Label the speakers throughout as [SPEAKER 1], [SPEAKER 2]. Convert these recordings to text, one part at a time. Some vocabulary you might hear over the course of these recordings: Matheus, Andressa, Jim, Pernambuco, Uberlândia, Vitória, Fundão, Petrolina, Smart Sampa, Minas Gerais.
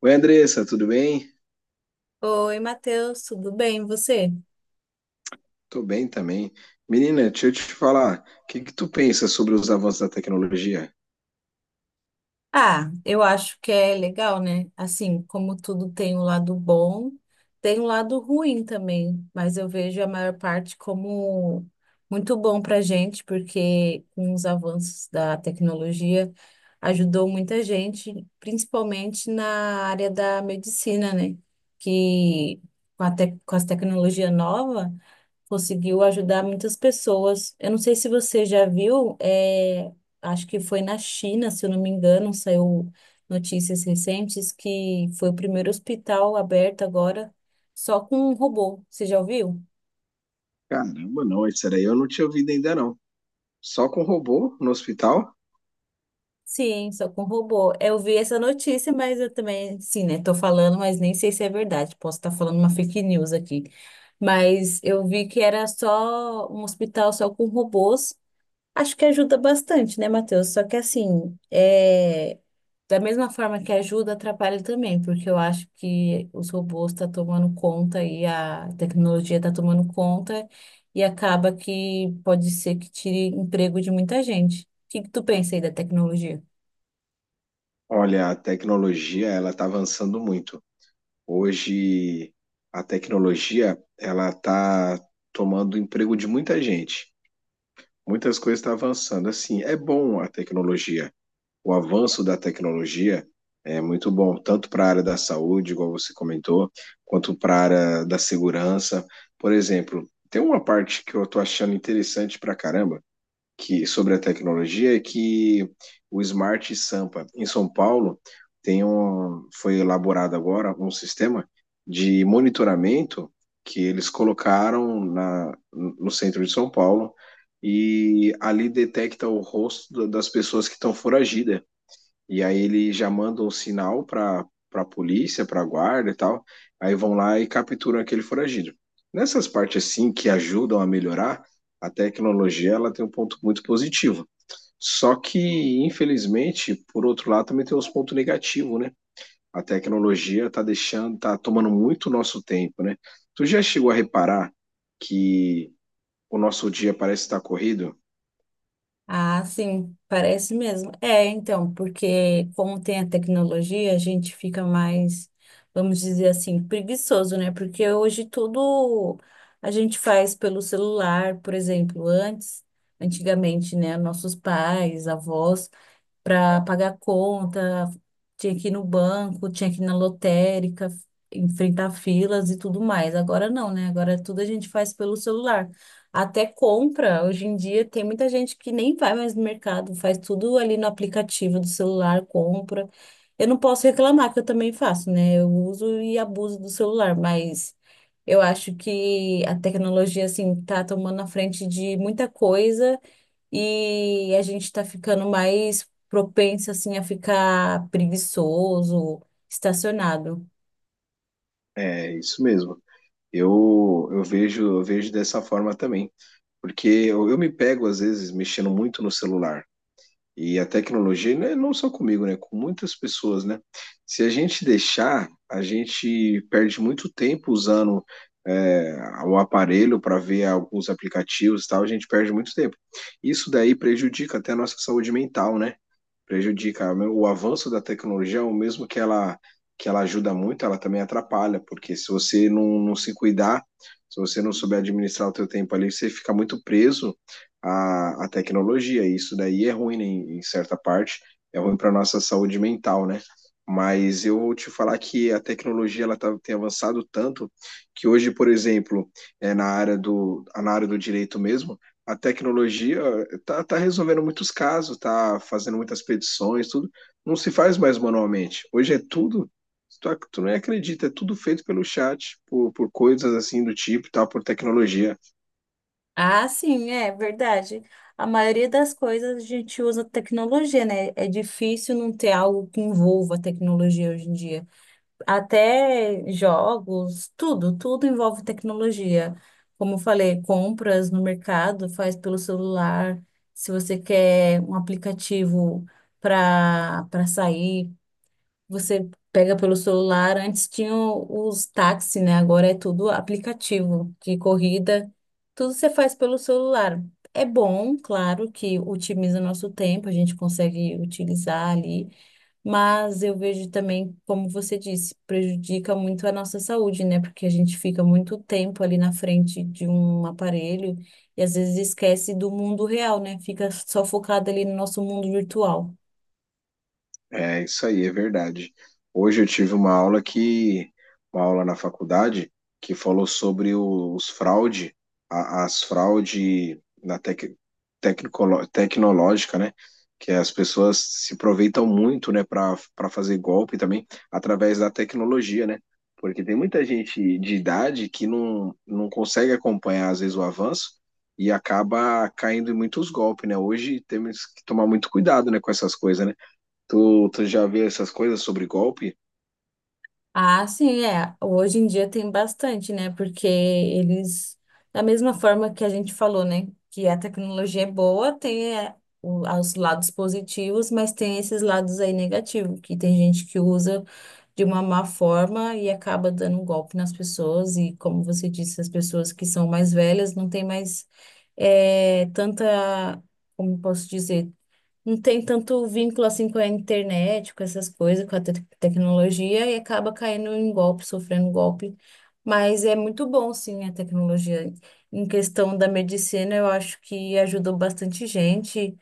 [SPEAKER 1] Oi, Andressa, tudo bem?
[SPEAKER 2] Oi, Matheus, tudo bem? E você?
[SPEAKER 1] Tô bem também. Menina, deixa eu te falar, o que que tu pensa sobre os avanços da tecnologia?
[SPEAKER 2] Ah, eu acho que é legal, né? Assim, como tudo tem um lado bom, tem um lado ruim também, mas eu vejo a maior parte como muito bom para a gente, porque com os avanços da tecnologia ajudou muita gente, principalmente na área da medicina, né? Que com as tecnologias novas conseguiu ajudar muitas pessoas. Eu não sei se você já viu, é, acho que foi na China, se eu não me engano, saiu notícias recentes que foi o primeiro hospital aberto agora só com um robô. Você já ouviu?
[SPEAKER 1] Caramba, não, isso daí eu não tinha ouvido ainda não. Só com robô no hospital?
[SPEAKER 2] Sim, só com robô. Eu vi essa notícia, mas eu também, sim, né? Tô falando, mas nem sei se é verdade. Posso estar falando uma fake news aqui. Mas eu vi que era só um hospital só com robôs. Acho que ajuda bastante, né, Matheus? Só que assim, da mesma forma que ajuda, atrapalha também, porque eu acho que os robôs estão tomando conta e a tecnologia está tomando conta e acaba que pode ser que tire emprego de muita gente. O que que tu pensa aí da tecnologia?
[SPEAKER 1] Olha, a tecnologia, ela tá avançando muito. Hoje, a tecnologia, ela tá tomando o emprego de muita gente. Muitas coisas estão avançando. Assim, é bom a tecnologia, o avanço da tecnologia é muito bom, tanto para a área da saúde, igual você comentou, quanto para a área da segurança. Por exemplo, tem uma parte que eu estou achando interessante para caramba que sobre a tecnologia é que o Smart Sampa em São Paulo foi elaborado agora um sistema de monitoramento que eles colocaram no centro de São Paulo e ali detecta o rosto das pessoas que estão foragidas e aí ele já manda um sinal para polícia, para guarda e tal. Aí vão lá e capturam aquele foragido. Nessas partes assim que ajudam a melhorar, a tecnologia ela tem um ponto muito positivo. Só que, infelizmente, por outro lado, também tem uns pontos negativos, né? A tecnologia tá tomando muito nosso tempo, né? Tu já chegou a reparar que o nosso dia parece estar corrido?
[SPEAKER 2] Ah, sim, parece mesmo. É, então, porque como tem a tecnologia, a gente fica mais, vamos dizer assim, preguiçoso, né? Porque hoje tudo a gente faz pelo celular, por exemplo, antes, antigamente, né? Nossos pais, avós, para pagar conta, tinha que ir no banco, tinha que ir na lotérica, enfrentar filas e tudo mais. Agora não, né? Agora tudo a gente faz pelo celular. Até compra, hoje em dia tem muita gente que nem vai mais no mercado, faz tudo ali no aplicativo do celular, compra. Eu não posso reclamar que eu também faço, né? Eu uso e abuso do celular, mas eu acho que a tecnologia assim tá tomando a frente de muita coisa e a gente está ficando mais propenso assim a ficar preguiçoso, estacionado.
[SPEAKER 1] É isso mesmo. Eu vejo dessa forma também. Porque eu me pego, às vezes, mexendo muito no celular. E a tecnologia, né, não só comigo, né, com muitas pessoas, né? Se a gente deixar, a gente perde muito tempo usando é, o aparelho para ver alguns aplicativos e tal, a gente perde muito tempo. Isso daí prejudica até a nossa saúde mental, né? Prejudica. O avanço da tecnologia, é o mesmo que ela ajuda muito, ela também atrapalha, porque se você não se cuidar, se você não souber administrar o teu tempo ali, você fica muito preso à tecnologia, e isso daí é ruim, né, em certa parte, é ruim para nossa saúde mental, né? Mas eu vou te falar que a tecnologia ela tem avançado tanto que hoje, por exemplo, é na área do direito mesmo, a tecnologia está tá tá resolvendo muitos casos, está fazendo muitas petições, tudo. Não se faz mais manualmente. Hoje é tudo, tu não acredita, é tudo feito pelo chat, por coisas assim do tipo, e tal, por tecnologia.
[SPEAKER 2] Ah, sim, é verdade. A maioria das coisas a gente usa tecnologia, né? É difícil não ter algo que envolva tecnologia hoje em dia. Até jogos, tudo, tudo envolve tecnologia. Como eu falei, compras no mercado faz pelo celular. Se você quer um aplicativo para sair, você pega pelo celular, antes tinham os táxis, né? Agora é tudo aplicativo de corrida, tudo você faz pelo celular. É bom, claro, que otimiza nosso tempo, a gente consegue utilizar ali, mas eu vejo também, como você disse, prejudica muito a nossa saúde, né? Porque a gente fica muito tempo ali na frente de um aparelho e às vezes esquece do mundo real, né? Fica só focado ali no nosso mundo virtual.
[SPEAKER 1] É isso aí, é verdade. Hoje eu tive uma aula na faculdade, que falou sobre as fraude tecnológica, né? Que as pessoas se aproveitam muito, né, para fazer golpe também através da tecnologia, né? Porque tem muita gente de idade que não consegue acompanhar, às vezes, o avanço e acaba caindo em muitos golpes, né? Hoje temos que tomar muito cuidado, né, com essas coisas, né? Tu já viu essas coisas sobre golpe?
[SPEAKER 2] Ah, sim, é. Hoje em dia tem bastante, né? Porque eles, da mesma forma que a gente falou, né? Que a tecnologia é boa, tem é, os lados positivos, mas tem esses lados aí negativos, que tem gente que usa de uma má forma e acaba dando um golpe nas pessoas. E como você disse, as pessoas que são mais velhas não têm mais tanta, como posso dizer, não tem tanto vínculo assim com a internet, com essas coisas, com a tecnologia e acaba caindo em golpe, sofrendo golpe. Mas é muito bom, sim, a tecnologia. Em questão da medicina, eu acho que ajudou bastante gente,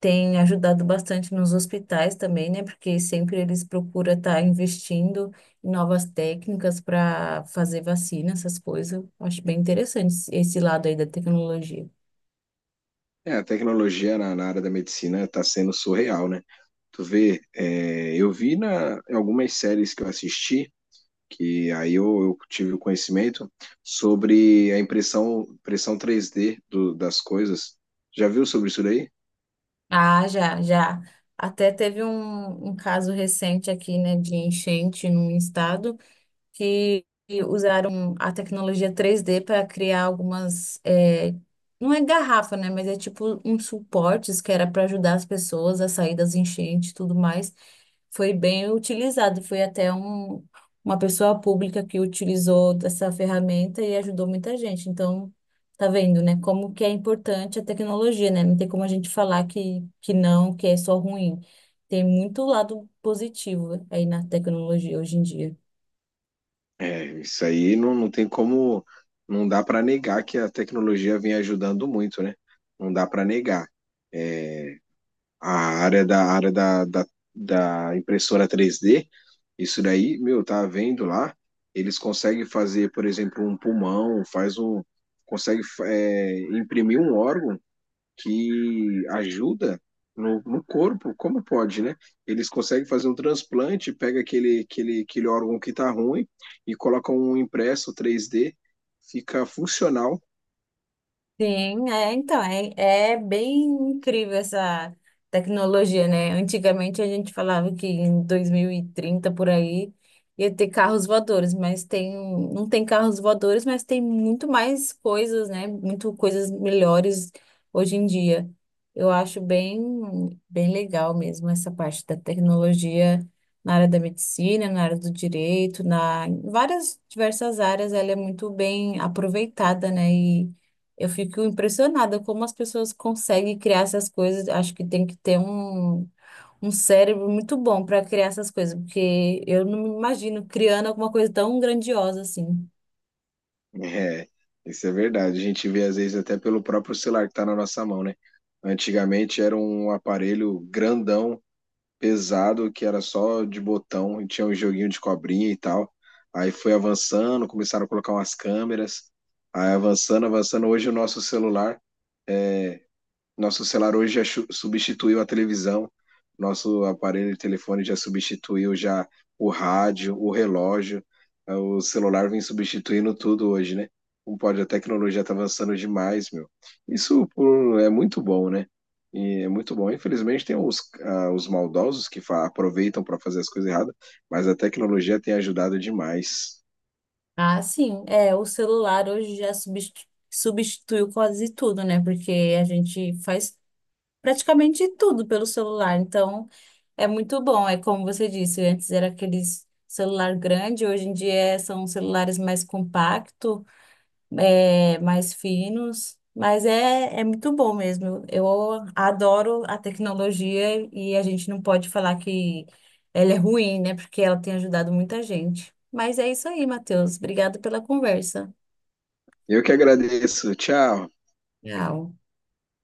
[SPEAKER 2] tem ajudado bastante nos hospitais também, né? Porque sempre eles procuram estar investindo em novas técnicas para fazer vacina, essas coisas. Acho bem interessante esse lado aí da tecnologia.
[SPEAKER 1] É, a tecnologia na área da medicina tá sendo surreal, né? Tu vê, eu vi em algumas séries que eu assisti, que aí eu tive o conhecimento sobre a impressão 3D das coisas. Já viu sobre isso daí?
[SPEAKER 2] Ah, já, já. Até teve um caso recente aqui, né, de enchente num estado, que usaram a tecnologia 3D para criar algumas, é, não é garrafa, né? Mas é tipo uns suportes que era para ajudar as pessoas a sair das enchentes e tudo mais. Foi bem utilizado. Foi até uma pessoa pública que utilizou essa ferramenta e ajudou muita gente. Então, tá vendo, né? Como que é importante a tecnologia, né? Não tem como a gente falar que não, que é só ruim. Tem muito lado positivo aí na tecnologia hoje em dia.
[SPEAKER 1] É, isso aí não tem como, não dá para negar que a tecnologia vem ajudando muito, né? Não dá para negar. É, a a área da, da, da impressora 3D, isso daí, meu, tá vendo lá, eles conseguem fazer, por exemplo, um pulmão, consegue imprimir um órgão que ajuda no corpo, como pode, né? Eles conseguem fazer um transplante, pega aquele órgão que tá ruim e coloca um impresso 3D, fica funcional
[SPEAKER 2] Sim, é, então, é, é bem incrível essa tecnologia, né? Antigamente a gente falava que em 2030 por aí ia ter carros voadores, mas tem, não tem carros voadores, mas tem muito mais coisas, né? Muito coisas melhores hoje em dia. Eu acho bem, bem legal mesmo essa parte da tecnologia na área da medicina, na área do direito, na em várias diversas áreas, ela é muito bem aproveitada, né? Eu fico impressionada como as pessoas conseguem criar essas coisas. Acho que tem que ter um, um cérebro muito bom para criar essas coisas, porque eu não me imagino criando alguma coisa tão grandiosa assim.
[SPEAKER 1] É, isso é verdade. A gente vê às vezes até pelo próprio celular que tá na nossa mão, né? Antigamente era um aparelho grandão, pesado, que era só de botão e tinha um joguinho de cobrinha e tal. Aí foi avançando, começaram a colocar umas câmeras, aí avançando, avançando. Hoje o nosso celular. Nosso celular hoje já substituiu a televisão, nosso aparelho de telefone já substituiu já o rádio, o relógio, o celular vem substituindo tudo hoje, né? Como pode, a tecnologia está avançando demais, meu. É muito bom, né? E é muito bom. Infelizmente tem os maldosos que aproveitam para fazer as coisas erradas, mas a tecnologia tem ajudado demais.
[SPEAKER 2] Ah, sim, é, o celular hoje já substituiu quase tudo, né? Porque a gente faz praticamente tudo pelo celular. Então, é muito bom. É como você disse, antes era aqueles celular grande, hoje em dia são celulares mais compactos, é, mais finos, mas é, é muito bom mesmo. Eu adoro a tecnologia e a gente não pode falar que ela é ruim, né? Porque ela tem ajudado muita gente. Mas é isso aí, Matheus. Obrigada pela conversa.
[SPEAKER 1] Eu que agradeço. Tchau.
[SPEAKER 2] Tchau.